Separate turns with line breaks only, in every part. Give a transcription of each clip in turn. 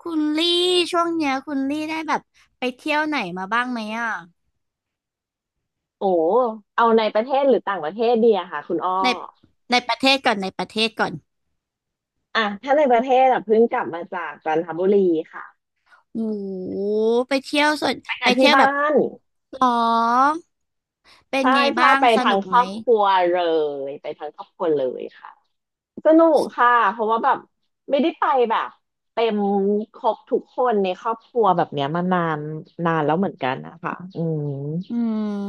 คุณลี่ช่วงเนี้ยคุณลี่ได้แบบไปเที่ยวไหนมาบ้างไหมอ่ะ
โอ้เอาในประเทศหรือต่างประเทศดีอะค่ะคุณอ้อ
ในในประเทศก่อนในประเทศก่อน
อ่ะถ้าในประเทศอะเพิ่งกลับมาจากจันทบุรีค่ะ
โอ้โหไปเที่ยวส่วน
ไป
ไป
กับ
เที่
ที่
ยวแบ
บ้า
บ
น
หรอเป็น
ใช่
ไง
ใช่
บ้าง
ไป
ส
ทา
นุ
ง
ก
ค
ไหม
รอบครัวเลยไปทางครอบครัวเลยค่ะสนุกค่ะเพราะว่าแบบไม่ได้ไปแบบเต็มครบทุกคนในครอบครัวแบบเนี้ยมานานนานแล้วเหมือนกันนะคะอืม
อื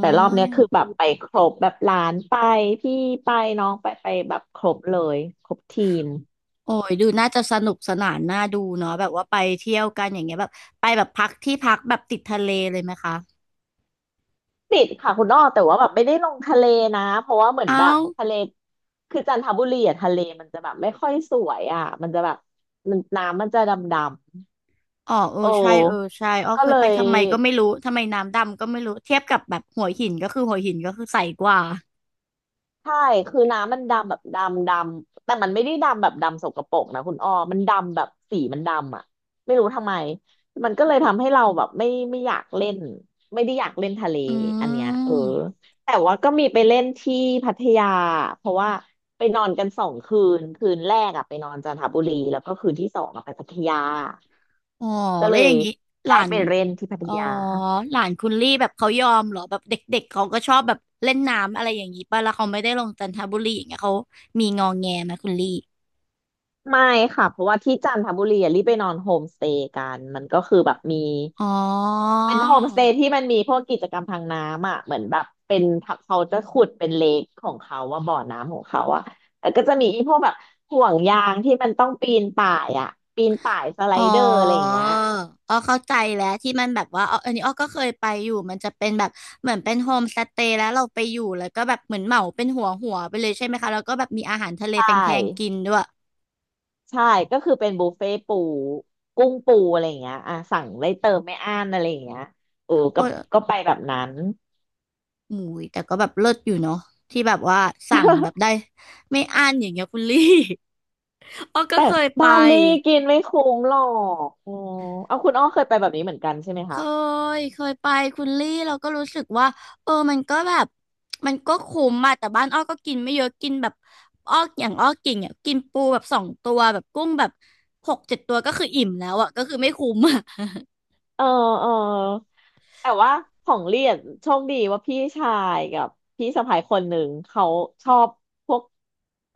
แต่รอบเนี้ยคือแบบไปครบแบบหลานไปพี่ไปน้องไปไปแบบครบเลยครบทีม
โอ้ยดูน่าจะสนุกสนานน่าดูเนาะแบบว่าไปเที่ยวกันอย่างเงี้ยแบบไปแบบพักที่พักแบบติดทะเลเลยไหมคะ
ติดค่ะคุณอ้อแต่ว่าแบบไม่ได้ลงทะเลนะเพราะว่าเหมือน
เอ้า
แบบทะเลคือจันทบุรีอะทะเลมันจะแบบไม่ค่อยสวยอ่ะมันจะแบบมันน้ำมันจะดำ
อ๋อเอ
ๆ
อ
โอ้
ใช่เออใช่อ๋อ
ก็
เคย
เล
ไป
ย
ทำไมก็ไม่รู้ทำไมน้ำดำก็ไม่รู้เทียบกับแบบหัวหินก็คือหัวหินก็คือใสกว่า
ใช่คือน้ำมันดำแบบดำดำแต่มันไม่ได้ดำแบบดำสกปรกนะคุณอ้อมันดำแบบสีมันดำอ่ะไม่รู้ทำไม มันก็เลยทำให้เราแบบไม่อยากเล่นไม่ได้อยากเล่นทะเล
อื
อันเนี้ยเออ
ม
แต่ว่าก็มีไปเล่นที่พัทยาเพราะว่าไปนอนกันสองคืนคืนแรกอ่ะไปนอนจันทบุรีแล้วก็คืนที่สองอะไปพัทยา
อ๋อ
ก็
แล้
เล
วอ
ย
ย่างนี้ห
ได้
ลาน
ไปเล่นที่พัท
อ๋อ
ยา
หลานคุณลี่แบบเขายอมเหรอแบบเด็กๆเขาก็ชอบแบบเล่นน้ำอะไรอย่างนี้ป่ะแล้วเขาไม่ได้ลงจันทบุรีอย่างเงี้ยเขามีงอแงไหมคุณลี่
ไม่ค่ะเพราะว่าที่จันทบุรีอะรีบไปนอนโฮมสเตย์กันมันก็คือแบบมี
อ๋อ
เป็นโฮมสเตย์ที่มันมีพวกกิจกรรมทางน้ำอ่ะเหมือนแบบเป็นเขาจะขุดเป็นเลคของเขาว่าบ่อน้ำของเขาอ่ะแล้วก็จะมีพวกแบบห่วงยางที่มันต้องปีนป่ายอ่ะปีนป่ายสไล
อ๋อ
เดอร์อะไรอย่างเงี้ย
อ้อเข้าใจแล้วที่มันแบบว่าอ๋ออันนี้อ้อก็เคยไปอยู่มันจะเป็นแบบเหมือนเป็นโฮมสเตย์แล้วเราไปอยู่แล้วก็แบบเหมือนเหมาเป็นหัวไปเลยใช่ไหมคะแล้วก็แบบมีอาหารทะเล
ใช
แพงๆ
่
กินด้วย
ใช่ก็คือเป็นบุฟเฟ่ปูกุ้งปูอะไรอย่างเงี้ยอ่ะสั่งได้เติมไม่อั้นอะไรอย่างเงี้ยเออก็
โอ้ย
ก็ไปแบบนั้น
หมูยแต่ก็แบบเลิศอยู่เนาะที่แบบว่าสั่งแบบได้ ไม่อั้นอย่างเงี้ยคุณลี่ อ้อก็
แต่
เคยไป
บาหลีกินไม่คุ้มหรอกอ๋อเอาคุณอ้อเคยไปแบบนี้เหมือนกันใช่ไหม
เค
คะ
เคยไปคุณลี่เราก็รู้สึกว่าเออมันก็แบบมันก็คุ้มอะแต่บ้านอ้อก็กินไม่เยอะกินแบบอ้ออย่างอ้อกินเนี่ยกินปูแบบสองตัวแบบกุ้งแบบหกเจ็ดตัวก็คืออิ่มแล้วอะก็คือไม่คุ้มอะ
เออเออแต่ว่าของเรียนโชคดีว่าพี่ชายกับพี่สะใภ้คนหนึ่งเขาชอบพวก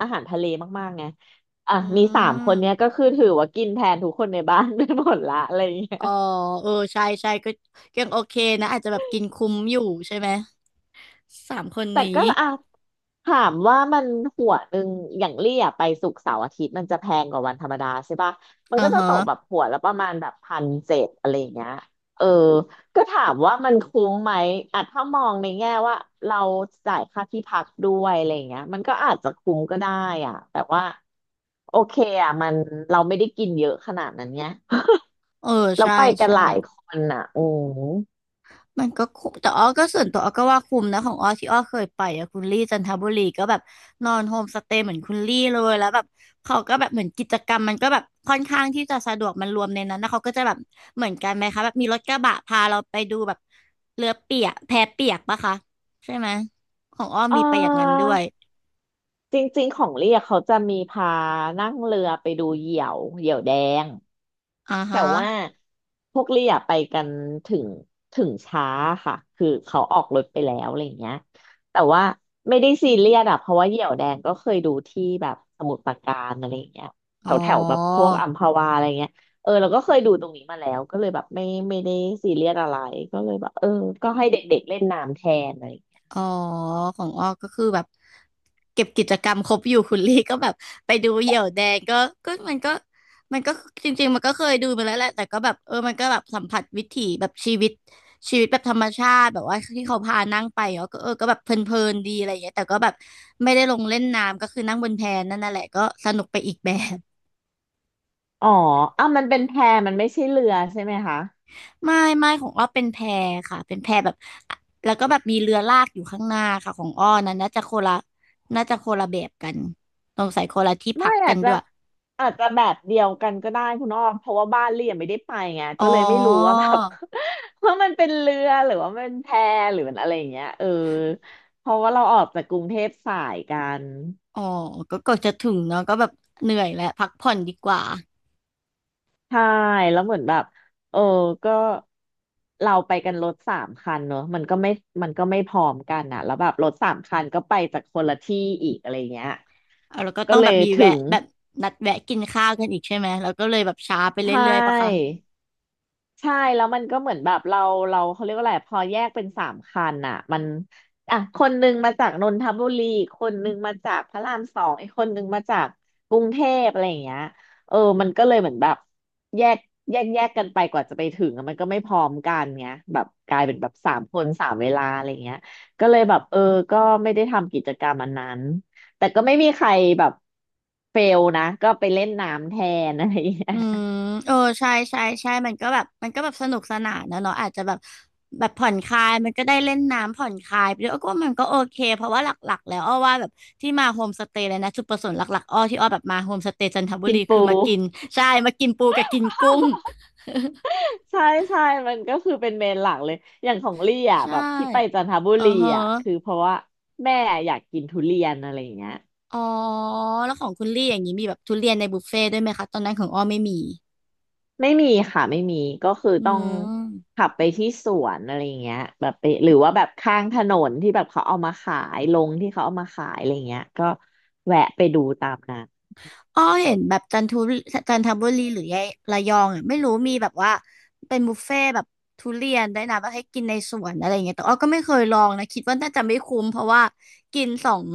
อาหารทะเลมากๆไงอ่ะ
อื
มีสามคนเนี้ย
ม
ก็คือถือว่ากินแทนทุกคนในบ้าน ไปหมดละอะไรอย่างเงี้ย
อ๋อเออใช่ใช่ก็ยังโอเคนะอาจจะแบบกินคุ้มอยู่ใช่ไหมสามคน
แต่
นี้
ก็อ่ะถามว่ามันหัวหนึ่งอย่างเลี่ยไปศุกร์เสาร์อาทิตย์มันจะแพงกว่าวันธรรมดาใช่ปะมัน
อ่า
ก็จะ
ฮะ
ตกแบบหัวละประมาณแบบพันเจ็ดอะไรอย่างเงี้ยเออก็ถามว่ามันคุ้มไหมอ่ะถ้ามองในแง่ว่าเราจ่ายค่าที่พักด้วยอะไรอย่างเงี้ยมันก็อาจจะคุ้มก็ได้อ่ะแต่ว่าโอเคอ่ะมันเราไม่ได้กินเยอะขนาดนั้นไง
เออ
เรา
ใช่
ไปกัน
ใช่
หลายคนอ่ะอืม
มันก็คุ้มแต่อ้อก็ส่วนตัวอ้อก็ว่าคุ้มนะของอ้อที่อ้อเคยไปอะคุณลี่จันทบุรีก็แบบนอนโฮมสเตย์เหมือนคุณลี่เลยแล้วแบบเขาก็แบบเหมือนกิจกรรมมันก็แบบค่อนข้างที่จะสะดวกมันรวมในนั้นนะเขาก็จะแบบเหมือนกันไหมคะแบบมีรถกระบะพาเราไปดูแบบเรือเปียกแพเปียกปะคะใช่ไหมของอ้อ
เอ
มีไปอย่างนั้นด้วย
อ จริงๆ ของเรียกเขาจะมีพานั่งเรือไปดูเหยี่ยวเหยี่ยวแดง
อ่า
แต่
ฮะ
ว่าพวกเรียไปกันถึงถึงช้าค่ะคือเขาออกรถไปแล้วอะไรอย่างเงี้ยแต่ว่าไม่ได้ซีเรียสอะเพราะว่าเหยี่ยวแดงก็เคยดูที่แบบสมุทรปราการอะไรอย่างเงี้ยแถ
อ๋อ
วแถวแบบพวกอัมพวาอะไรเงี้ยเออเราก็เคยดูตรงนี้มาแล้วก็เลยแบบไม่ได้ซีเรียสอะไรก็เลยแบบเออก็ให้เด็กๆเล่นน้ำแทนอะไรอย่างเงี้ย
อ๋อของอ้อก็คือแบบเก็บกิจกรรมครบอยู่คุณลี่ก็แบบไปดูเหยี่ยวแดงก็ก็มันก็มันก็จริงๆมันก็เคยดูมาแล้วแหละแต่ก็แบบเออมันก็แบบสัมผัสวิถีแบบชีวิตแบบธรรมชาติแบบว่าที่เขาพานั่งไปเนาะก็เออก็แบบเพลินๆดีอะไรอย่างเงี้ยแต่ก็แบบไม่ได้ลงเล่นน้ำก็คือนั่งบนแพนั่นน่ะแหละก็สนุกไปอีกแบบ
อ๋ออ่ะมันเป็นแพมันไม่ใช่เรือใช่ไหมคะ
ไม่ของอ้อเป็นแพค่ะเป็นแพแบบแล้วก็แบบมีเรือลากอยู่ข้างหน้าค่ะของอ้อนะน่าจะคนละน่าจะคนละแบบกันสงสัยคนละที่พั
ไม่
กกั
อา
น
จจะ
ด้วย
อาจจะแบบเดียวกันก็ได้คุณอ้อมเพราะว่าบ้านเรียนไม่ได้ไปไง
อ๋อ
ก็เลยไม่รู้ว่าแบบ ว่ามันเป็นเรือหรือว่ามันแพหรือมันอะไรอย่างเงี้ยเออเพราะว่าเราออกจากกรุงเทพสายกัน
อ๋อก็จะถึงเนาะก็แบบเหนื่อยแล้วพักผ่อนดีกว่า
ใช่แล้วเหมือนแบบเออก็เราไปกันรถสามคันเนอะมันก็ไม่พร้อมกันอ่ะแล้วแบบรถสามคันก็ไปจากคนละที่อีกอะไรเงี้ย
เอาแล้วก็
ก็
ต้อง
เล
แบบ
ย
มีแวะ
ถึง
แบบนัดแวะกินข้าวกันอีกใช่ไหมแล้วก็เลยแบบช้าไปเร
ใช่
ื่อยๆปะคะ
ใช่แล้วมันก็เหมือนแบบเราเขาเรียกว่าอะไรพอแยกเป็นสามคันอ่ะมันอ่ะคนหนึ่งมาจากนนทบุรีอีกคนหนึ่งมาจากพระรามสองอีกคนหนึ่งมาจากกรุงเทพอะไรอย่างเงี้ยเออมันก็เลยเหมือนแบบแยกแยกกันไปกว่าจะไปถึงอะมันก็ไม่พร้อมกันเงี้ยแบบกลายเป็นแบบสามคนสามเวลาอะไรเงี้ยก็เลยแบบเออก็ไม่ได้ทำกิจกรรมอันนั้นแต่ก็ไม่มีใครแบบเฟลนะก็ไปเล่นน้ำแทนอะไรอย่างเงี้ย
อืม เออใช่มันก็แบบมันก็แบบสนุกสนานนะเนาะอาจจะแบบแบบผ่อนคลายมันก็ได้เล่นน้ำผ่อนคลายไปด้วยอ้อก็ว่ามันก็โอเคเพราะว่าหลักๆแล้วอ้อว่าแบบที่มาโฮมสเตย์เลยนะจุดประสงค์หลักๆอ้อที่อ้อแบบมาโฮมสเตย์จันทบุ
กิ
รี
น
คื
ปู
อมากินใช่มากินปูกับกินกุ้ง
ใช่ใช่มันก็คือเป็นเมนหลักเลย อย่างของลี่อ่ะ
ใช่
แบบที่ไปจันทบุ
เออ
รี
เฮอ
อ่ะคือเพราะว่าแม่อยากกินทุเรียนอะไรอย่างเงี้ย
อ๋อแล้วของคุณลี่อย่างนี้มีแบบทุเรียนในบุฟเฟ่ต์ด้วยไหมคะตอนนั้นของอ้อไม่มี
ไม่มีค่ะไม่มีก็คือ
อื
ต้อง
ม
ขับไปที่สวนอะไรอย่างเงี้ยแบบไปหรือว่าแบบข้างถนนที่แบบเขาเอามาขายลงที่เขาเอามาขายอะไรอย่างเงี้ยก็แวะไปดูตามนั้น
อ้อเห็นแบบจันทุจันทบุรีหรือยะระยองอะไม่รู้มีแบบว่าเป็นบุฟเฟ่ต์แบบทุเรียนได้วยนะแบบให้กินในสวนอะไรอย่างเงี้ยแต่อ้อก็ไม่เคยลองนะคิดว่าน่าจะไม่คุ้มเพราะว่ากินสอง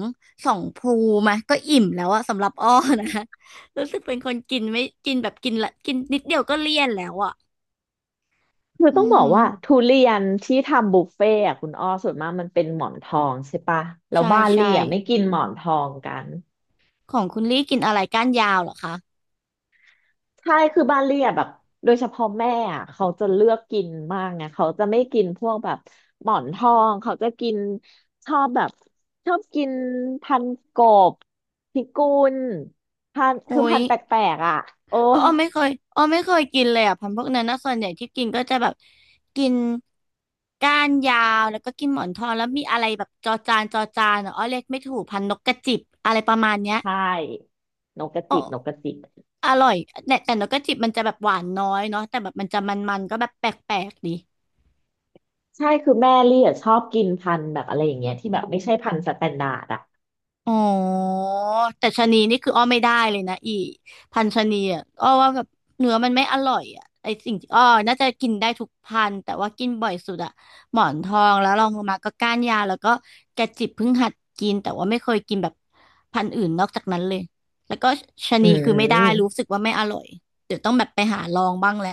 ภูมาก็อิ่มแล้วอะสำหรับอ้อนะ รู้สึกเป็นคนกินไม่กินแบบกินละกินนิดเดียวก็เลี่ยนแล้วอะ
คือต้
อื
อง
อ
บอก
หือ
ว่าทุเรียนที่ทำบุฟเฟ่อะคุณอ้อส่วนมากมันเป็นหมอนทองใช่ปะแล้ว
ใช่
บ้าน
ใช่
เลี่ยไม่กินหมอนทองกัน
ของคุณลี่กินอะไรก้านยาวเหรอคะ
ใช่คือบ้านเรียบแบบโดยเฉพาะแม่อะเขาจะเลือกกินมากไงเขาจะไม่กินพวกแบบหมอนทองเขาจะกินชอบแบบชอบกินพันกบพิกุลพันคือ
โอ้ย
พันแปลกๆอ่ะโอ้
อ้อไม่เคยอ้อไม่เคยกินเลยอ่ะพันธุ์พวกนั้นนะส่วนใหญ่ที่กินก็จะแบบกินก้านยาวแล้วก็กินหมอนทองแล้วมีอะไรแบบจอจานจอจานอะอ้อเรียกไม่ถูกพันธุ์นกกระจิบอะไรประมาณเนี้ย
ใช่นกกระ
อ้อ
จิบนกกระจิบ
อร่อยแต่นกกระจิบมันจะแบบหวานน้อยเนาะแต่แบบมันจะมันๆก็แบบแปลกๆดี
ใช่คือแม่เรียชอบกินพันธุ์แบบอะไรอย่างเงี้ยที่แบบไม่ใช่พันธุ์สแตนดาร์ดอ่ะ
อ๋อแต่ชะนีนี่คืออ้อไม่ได้เลยนะอีพันธุ์ชะนีอ่ะอ้อว่าแบบเนื้อมันไม่อร่อยอ่ะไอสิ่งที่อ้อน่าจะกินได้ทุกพันธุ์แต่ว่ากินบ่อยสุดอ่ะหมอนทองแล้วลองลงมาก็ก้านยาวแล้วก็กระจิบเพิ่งหัดกินแต่ว่าไม่เคยกินแบบพันธุ์อื่นนอกจากนั้นเลยแล้วก็ชะ
อื
นีคือไม่ได้รู้สึ
ม
กว่าไม่อร่อยเดี๋ยวต้องแบบไปหาลองบ้างแหละ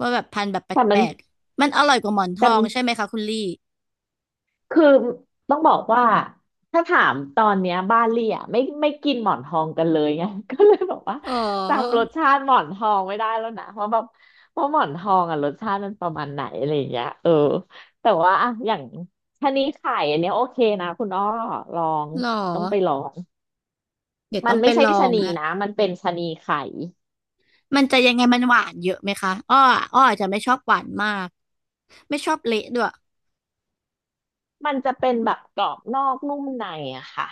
ว่าแบบพันธุ์แบบแป
แต่มัน
ลกๆมันอร่อยกว่าหมอนท
แต่
องใช่ไหมคะคุณลี่
คือต้องบอกว่าถ้าถามตอนเนี้ยบ้านเลี่ยไม่กินหมอนทองกันเลยไง ก็เลยบอกว่า
อ๋
จำร
อ
สชาติหมอนทองไม่ได้แล้วนะเพราะแบบเพราะหมอนทองอ่ะรสชาติมันประมาณไหนอะไรอย่างเงี้ยแต่ว่าอะอย่างชะนีไข่อันเนี้ยโอเคนะคุณอ้อลอง
เหรอ
ต้องไปลอง
เดี๋ยว
มั
ต้อ
น
งไป
ไม่ใช่
ลอ
ชะ
ง
นี
แล้ว
นะมันเป็นชะนีไข่
มันจะยังไงมันหวานเยอะไหมคะอ้ออ้ออาจจะไม่ชอบหวานมากไม่ชอบเละด้วย
มันจะเป็นแบบกรอบนอกนุ่มในอะค่ะ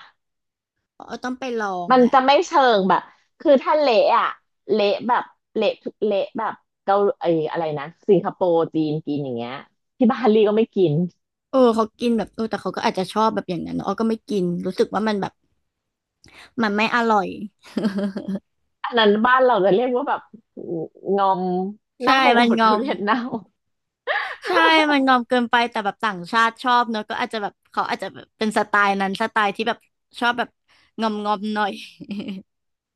อ้อต้องไปลอง
มัน
แหละ
จะไม่เชิงแบบคือถ้าเละอะเละแบบเละทุกเละแบบเกาไอ้อะไรนะสิงคโปร์จีนกินอย่างเงี้ยที่บาหลีก็ไม่กิน
เออเขากินแบบเออแต่เขาก็อาจจะชอบแบบอย่างนั้นเนอะอ้อก็ไม่กินรู้สึกว่ามันแบบมันไม่อร่อย
อันนั้นบ้านเราจะเรียกว่าแบบงอม
ใช่
เน่าโห
มัน
ด
งอ
ทุ
ม
เรียนเน่า
ใช่มันงอมเกินไปแต่แบบต่างชาติชอบเนอะก็อาจจะแบบเขาอาจจะแบบเป็นสไตล์นั้นสไตล์ที่แบบชอบแบบงอมงอมหน่อย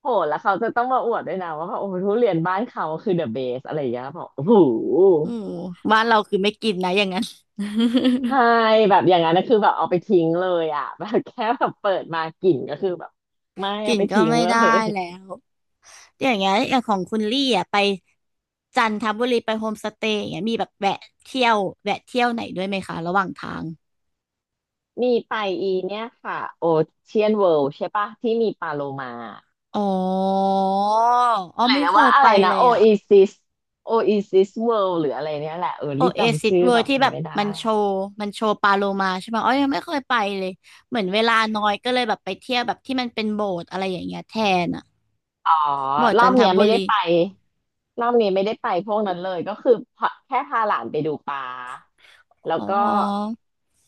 โหดแล้วเขาจะต้องมาอวดด้วยนะว่าแบบโอ้โหทุเรียนบ้านเขาคือเดอะเบสอะไรอย่างเงี้ยบอกโอ้โห
อือบ้านเราคือไม่กินนะอย่างนั้น
ใช่แบบอย่างนั้นนะคือแบบเอาไปทิ้งเลยอ่ะ แบบแค่แบบเปิดมากลิ่นก็คือแบบไม่
กิ
เอา
น
ไป
ก็
ทิ้ง
ไม่
เล
ได้
ย
แล้ว อย่างเงี้ยอย่างของคุณลี่อ่ะไปจันทบุรีไปโฮมสเตย์อย่างเงี้ยมีแบบแวะเที่ยวแวะเที่ยวไหนด้วยไหมคะระหว่างทาง
มีไปอีเนี่ยค่ะโอเชียนเวิลด์ใช่ปะที่มีปลาโลมา
อ๋ออ๋อไม่
หรือ
เค
ว่า
ย
อะ
ไป
ไรนะ
เลย
โอ
อ่ะ
เอซิสโอเอซิสเวิลด์หรืออะไรเนี่ยแหละ
โอ
รี
เอ
จำ
ซิส
ชื่อ
เวิ
แบ
ร์
บ
ที่
มั
แบ
น
บ
ไม่ได้
มันโชว์มันโชว์ปลาโลมาใช่ไหมอ๋อยังไม่เคยไปเลยเหมือนเวลาน้อยก็เลยแบบไปเที่ยวแบบที่มันเป็นโบสถ์อะไรอย่างเงี้ยแทนอ่ะ
อ๋อ
โบสถ์
รอ
จัน
บ
ท
เนี้ย
บุ
ไม่ได้
รี
ไปรอบนี้ไม่ได้ไปพวกนั้นเลยก็คือพาแค่พาหลานไปดูปลาแล้ว
อ๋
ก็
อ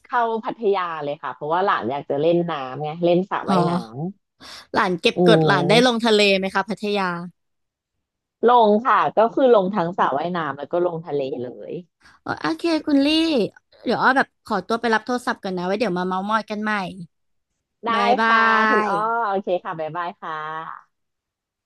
เข้าพัทยาเลยค่ะเพราะว่าหลานอยากจะเล่นน้ำไงเล่นสระ
อ๋อ
ว่ายน้
หลานเก็บ
ำอื
กดหลานได้ลง
ม
ทะเลไหมคะพัทยา
ลงค่ะก็คือลงทั้งสระว่ายน้ำแล้วก็ลงทะเลเลย
โออโอเคคุณลี่ เดี๋ยวอ้อแบบขอตัวไปรับโทรศัพท์ก่อนนะไว้เดี๋ยวมาเม้าท์มอยกันใหม่
ได้
บ๊ายบา
ค่ะคุณ
ย
อ้อโอเคค่ะบ๊ายบายค่ะ